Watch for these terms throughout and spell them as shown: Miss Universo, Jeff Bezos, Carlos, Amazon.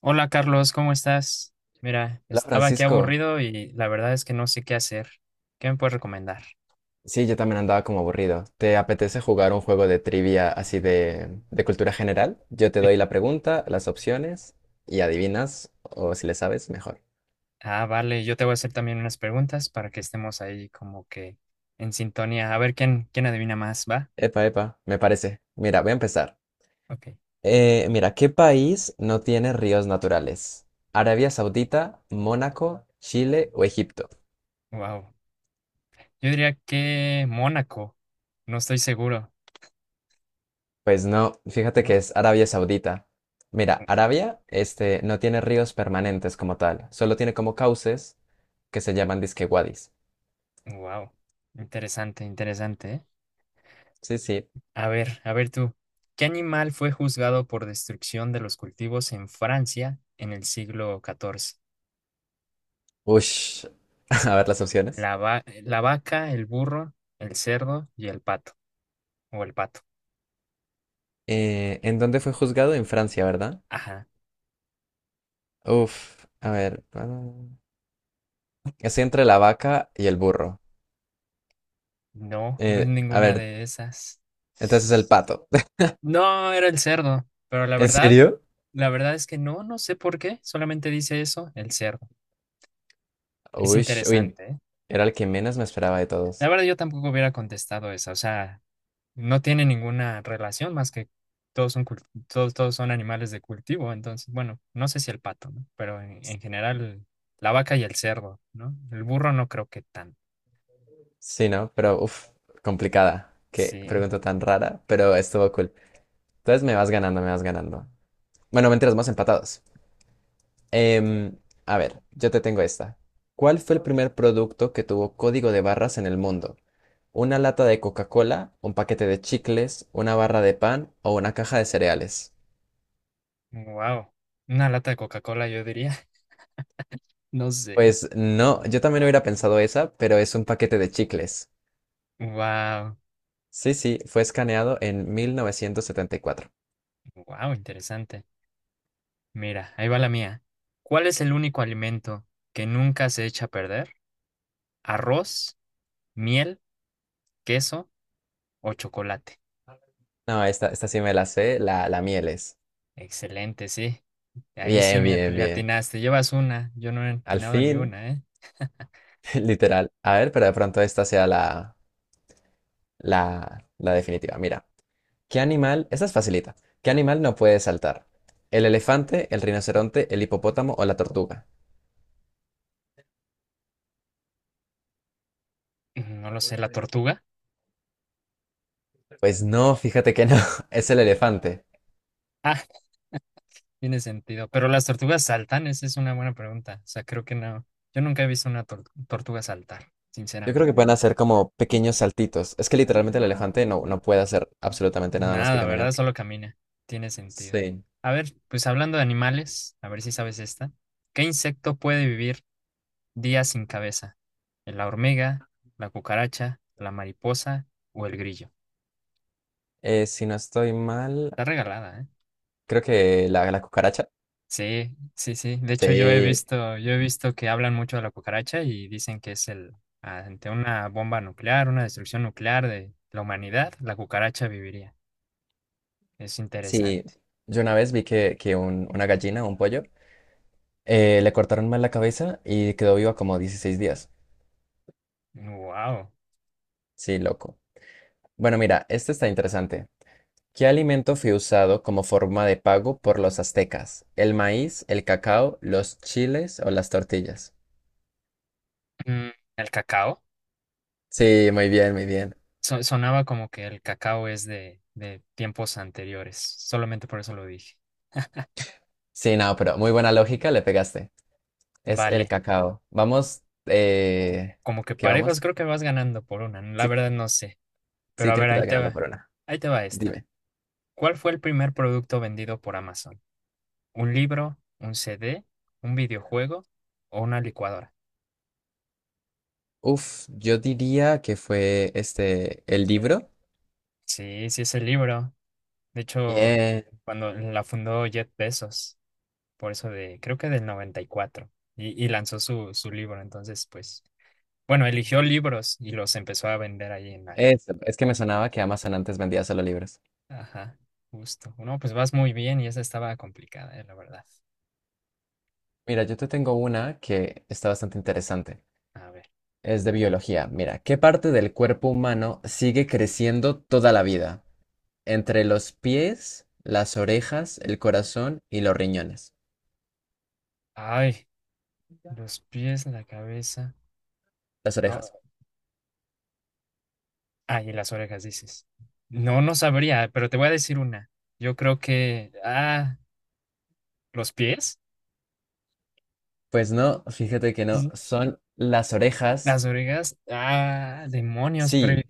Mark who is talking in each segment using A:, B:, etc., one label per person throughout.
A: Hola Carlos, ¿cómo estás? Mira,
B: Hola
A: estaba aquí
B: Francisco,
A: aburrido y la verdad es que no sé qué hacer. ¿Qué me puedes recomendar?
B: sí, yo también andaba como aburrido. ¿Te apetece jugar un juego de trivia así de cultura general? Yo te
A: Sí.
B: doy la pregunta, las opciones y adivinas, o si le sabes, mejor.
A: Ah, vale, yo te voy a hacer también unas preguntas para que estemos ahí como que en sintonía. A ver quién adivina más, ¿va?
B: Epa, epa, me parece. Mira, voy a empezar.
A: Ok.
B: Mira, ¿qué país no tiene ríos naturales? ¿Arabia Saudita, Mónaco, Chile o Egipto?
A: Wow. Yo diría que Mónaco. No estoy seguro.
B: Pues no, fíjate que
A: ¿No?
B: es Arabia Saudita. Mira, Arabia, este, no tiene ríos permanentes como tal, solo tiene como cauces que se llaman disque wadis.
A: Wow. Interesante, interesante, ¿eh?
B: Sí, sí.
A: A ver tú. ¿Qué animal fue juzgado por destrucción de los cultivos en Francia en el siglo XIV?
B: Ush, a ver las opciones.
A: La vaca, el burro, el cerdo y el pato. O el pato.
B: ¿En dónde fue juzgado? En Francia, ¿verdad?
A: Ajá.
B: Uf, a ver. Es entre la vaca y el burro.
A: No, no es
B: A
A: ninguna
B: ver,
A: de esas.
B: entonces el pato.
A: No, era el cerdo. Pero la
B: ¿En
A: verdad,
B: serio?
A: la verdad es que no, no sé por qué. Solamente dice eso, el cerdo. Es
B: Ush, uy,
A: interesante, ¿eh?
B: era el que menos me esperaba de
A: La
B: todos.
A: verdad, yo tampoco hubiera contestado esa. O sea, no tiene ninguna relación más que todos son animales de cultivo. Entonces, bueno, no sé si el pato, ¿no? Pero en general, la vaca y el cerdo, ¿no? El burro no creo que tanto.
B: Sí, ¿no? Pero, uf, complicada. Qué
A: Sí,
B: pregunta tan rara, pero estuvo cool. Entonces me vas ganando, me vas ganando. Bueno, mentiras, más empatados. Em, a ver, yo te tengo esta. ¿Cuál fue el primer producto que tuvo código de barras en el mundo? ¿Una lata de Coca-Cola, un paquete de chicles, una barra de pan o una caja de cereales?
A: wow. Una lata de Coca-Cola, yo diría. No sé.
B: Pues no, yo también hubiera pensado esa, pero es un paquete de chicles.
A: Wow,
B: Sí, sí, fue escaneado en 1974.
A: wow, interesante. Mira, ahí va la mía. ¿Cuál es el único alimento que nunca se echa a perder? ¿Arroz, miel, queso o chocolate?
B: No, esta sí me la sé, la mieles.
A: Excelente, sí. Ahí sí
B: Bien,
A: me at-
B: bien,
A: le
B: bien.
A: atinaste. Llevas una. Yo no he
B: Al
A: atinado ni
B: fin,
A: una, ¿eh?
B: literal. A ver, pero de pronto esta sea la, la definitiva. Mira, ¿qué animal? Esta es facilita. ¿Qué
A: A ver,
B: animal no puede saltar? ¿El elefante, el rinoceronte, el hipopótamo o la tortuga?
A: no lo sé, la tortuga.
B: Pues no, fíjate que no, es el elefante.
A: Tiene sentido. Pero las tortugas saltan, esa es una buena pregunta. O sea, creo que no. Yo nunca he visto una tortuga saltar,
B: Yo creo que
A: sinceramente.
B: pueden hacer como pequeños saltitos. Es que literalmente el elefante no puede hacer absolutamente nada más que
A: Nada, ¿verdad?
B: caminar.
A: Solo camina. Tiene sentido.
B: Sí.
A: A ver, pues hablando de animales, a ver si sabes esta. ¿Qué insecto puede vivir días sin cabeza? ¿La hormiga, la cucaracha, la mariposa o el grillo?
B: Si no estoy mal,
A: Está regalada, ¿eh?
B: creo que la cucaracha.
A: Sí, sí, sí. De hecho, yo he
B: Sí,
A: visto, yo he visto que hablan mucho de la cucaracha y dicen que es el, ante una bomba nuclear, una destrucción nuclear de la humanidad, la cucaracha viviría. Es
B: sí.
A: interesante.
B: Yo una vez vi que un- una gallina, un pollo, le cortaron mal la cabeza y quedó viva como 16 días.
A: Wow.
B: Sí, loco. Bueno, mira, este está interesante. ¿Qué alimento fue usado como forma de pago por los aztecas? ¿El maíz, el cacao, los chiles o las tortillas?
A: El cacao.
B: Sí, muy bien, muy bien.
A: Sonaba como que el cacao es de tiempos anteriores. Solamente por eso lo dije.
B: Sí, no, pero muy buena lógica, le pegaste. Es el
A: Vale.
B: cacao. Vamos,
A: Como que
B: ¿qué
A: parejos,
B: vamos?
A: creo que vas ganando por una. La
B: Sí,
A: verdad no sé. Pero
B: sí,
A: a
B: creo
A: ver,
B: que te
A: ahí
B: va
A: te
B: ganando
A: va.
B: por una.
A: Ahí te va esta.
B: Dime.
A: ¿Cuál fue el primer producto vendido por Amazon? ¿Un libro, un CD, un videojuego o una licuadora?
B: Uf, yo diría que fue este, el libro.
A: Sí, sí es el libro. De hecho,
B: Bien,
A: cuando la fundó Jeff Bezos, por eso de, creo que del 94, y, cuatro, y lanzó su libro. Entonces, pues, bueno, eligió libros y los empezó a vender ahí en la...
B: eso. Es que me sonaba que Amazon antes vendía solo libros.
A: Ajá, justo. No, pues vas muy bien y esa estaba complicada, la verdad.
B: Mira, yo te tengo una que está bastante interesante.
A: A ver.
B: Es de biología. Mira, ¿qué parte del cuerpo humano sigue creciendo toda la vida? Entre los pies, las orejas, el corazón y los riñones.
A: Ay, los pies, la cabeza.
B: Las orejas.
A: No. Ay, las orejas, dices. No, no sabría, pero te voy a decir una. Yo creo que, ah, los pies.
B: Pues no, fíjate que no,
A: Sí.
B: son las orejas.
A: Las orejas, ah, demonios, pero
B: Sí,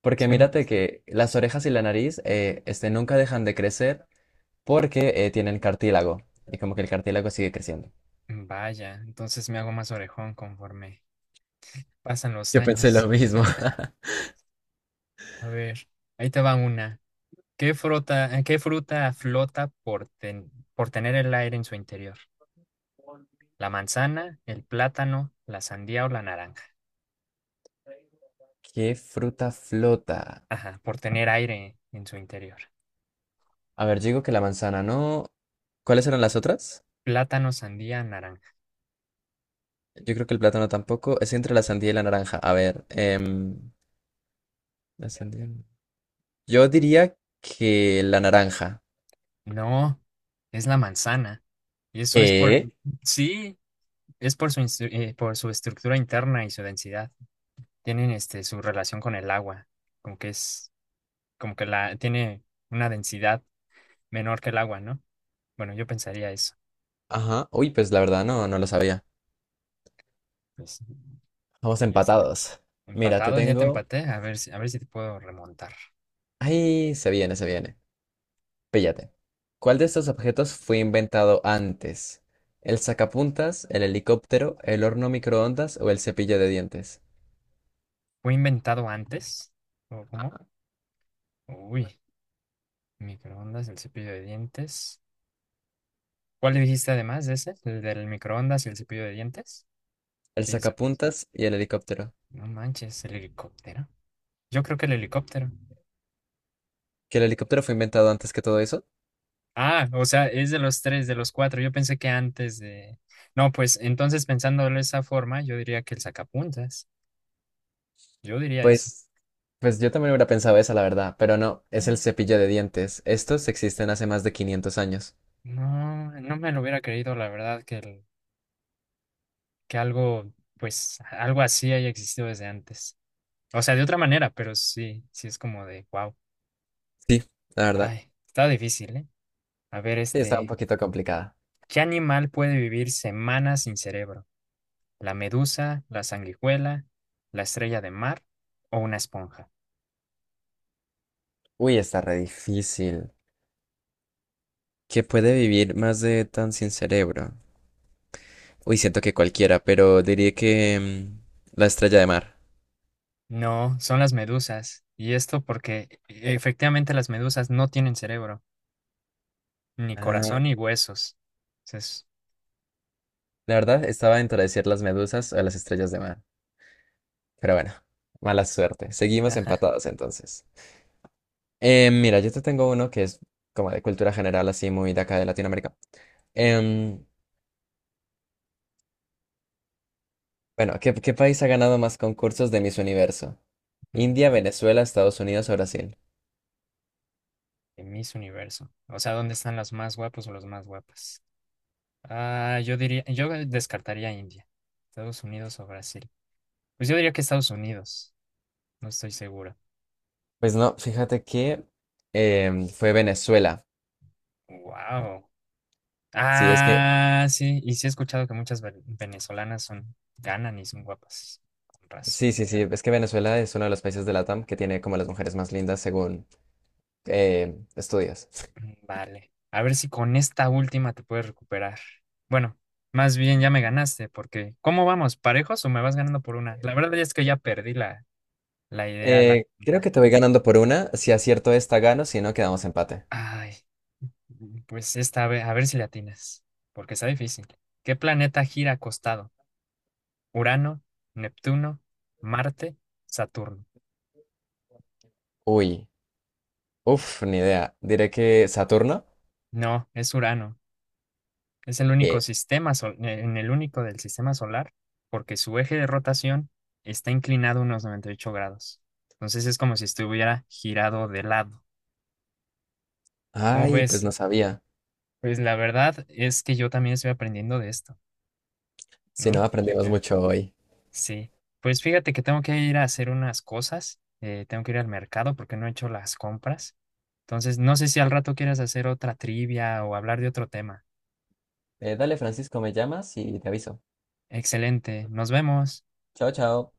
B: porque
A: suena.
B: mírate que las orejas y la nariz este, nunca dejan de crecer porque tienen cartílago. Y como que el cartílago sigue creciendo.
A: Vaya, entonces me hago más orejón conforme pasan los
B: Yo pensé
A: años.
B: lo mismo.
A: A ver, ahí te va una. ¿Qué fruta flota por tener el aire en su interior? ¿La manzana, el plátano, la sandía o la naranja?
B: ¿Qué fruta flota?
A: Ajá, por tener aire en su interior.
B: A ver, yo digo que la manzana no. ¿Cuáles eran las otras?
A: Plátano, sandía, naranja.
B: Yo creo que el plátano tampoco. Es entre la sandía y la naranja. A ver, la sandía. No. Yo diría que la naranja.
A: No, es la manzana. Y eso es por,
B: ¿Qué?
A: sí, es por su, instru- por su estructura interna y su densidad. Tienen su relación con el agua, como que es, como que la, tiene una densidad menor que el agua, ¿no? Bueno, yo pensaría eso.
B: Ajá. Uy, pues la verdad no, no lo sabía.
A: Pues
B: Vamos
A: ahí está.
B: empatados. Mira, te
A: Empatados, ya te
B: tengo.
A: empaté, a ver si te puedo remontar.
B: Ay, se viene, se viene. Píllate. ¿Cuál de estos objetos fue inventado antes? ¿El sacapuntas, el helicóptero, el horno microondas o el cepillo de dientes?
A: ¿Fue inventado antes? ¿O cómo? Uy, microondas, el cepillo de dientes. ¿Cuál dijiste además de ese? ¿El del microondas y el cepillo de dientes?
B: El
A: Dijiste.
B: sacapuntas y el helicóptero.
A: No manches, el helicóptero. Yo creo que el helicóptero.
B: Que el helicóptero fue inventado antes que todo eso,
A: Ah, o sea, es de los tres, de los cuatro. Yo pensé que antes de... No, pues entonces pensándolo de esa forma, yo diría que el sacapuntas. Yo diría eso.
B: pues, pues yo también hubiera pensado esa, la verdad, pero no, es el cepillo de dientes. Estos existen hace más de 500 años.
A: No, no me lo hubiera creído, la verdad, que algo, pues, algo así haya existido desde antes. O sea, de otra manera, pero sí, sí es como de, wow.
B: Sí, la verdad.
A: Ay, está difícil, ¿eh? A ver,
B: Sí, está un poquito complicada.
A: ¿qué animal puede vivir semanas sin cerebro? ¿La medusa, la sanguijuela, la estrella de mar o una esponja?
B: Uy, está re difícil. ¿Qué puede vivir más de tan sin cerebro? Uy, siento que cualquiera, pero diría que mm, la estrella de mar.
A: No, son las medusas. Y esto porque efectivamente las medusas no tienen cerebro, ni
B: Ah,
A: corazón ni huesos. Entonces,
B: la verdad, estaba entre decir las medusas o las estrellas de mar. Pero bueno, mala suerte. Seguimos
A: ajá,
B: empatados entonces. Mira, yo te tengo uno que es como de cultura general, así muy de acá de Latinoamérica. Em, bueno, ¿qué país ha ganado más concursos de Miss Universo? ¿India, Venezuela, Estados Unidos o Brasil?
A: de Miss Universo. O sea, ¿dónde están los más guapos o los más guapas? Ah, yo diría, yo descartaría India, Estados Unidos o Brasil. Pues yo diría que Estados Unidos, no estoy segura.
B: Pues no, fíjate que fue Venezuela.
A: Wow.
B: Sí, es que,
A: Ah, sí, y sí he escuchado que muchas venezolanas son, ganan y son guapas, con razón.
B: sí, sí, sí, es que Venezuela es uno de los países de LATAM que tiene como las mujeres más lindas según estudios.
A: Mm, vale, a ver si con esta última te puedes recuperar. Bueno, más bien ya me ganaste, porque ¿cómo vamos? ¿Parejos o me vas ganando por una? La verdad es que ya perdí la idea, la
B: Creo
A: cuenta.
B: que te voy ganando por una. Si acierto esta, gano, si no, quedamos empate.
A: Ay, pues esta vez a ver si le atinas, porque está difícil. ¿Qué planeta gira acostado? ¿Urano, Neptuno, Marte, Saturno?
B: Uy, uff, ni idea. Diré que Saturno.
A: No, es Urano. Es el único del sistema solar, porque su eje de rotación está inclinado unos 98 grados. Entonces es como si estuviera girado de lado. ¿Cómo
B: Ay, pues
A: ves?
B: no sabía.
A: Pues la verdad es que yo también estoy aprendiendo de esto,
B: Si no,
A: ¿no? Yo,
B: aprendimos
A: yo.
B: mucho hoy.
A: Sí. Pues fíjate que tengo que ir a hacer unas cosas. Tengo que ir al mercado porque no he hecho las compras. Entonces, no sé si al rato quieras hacer otra trivia o hablar de otro tema.
B: Dale, Francisco, me llamas y te aviso.
A: Excelente. Nos vemos.
B: Chao, chao.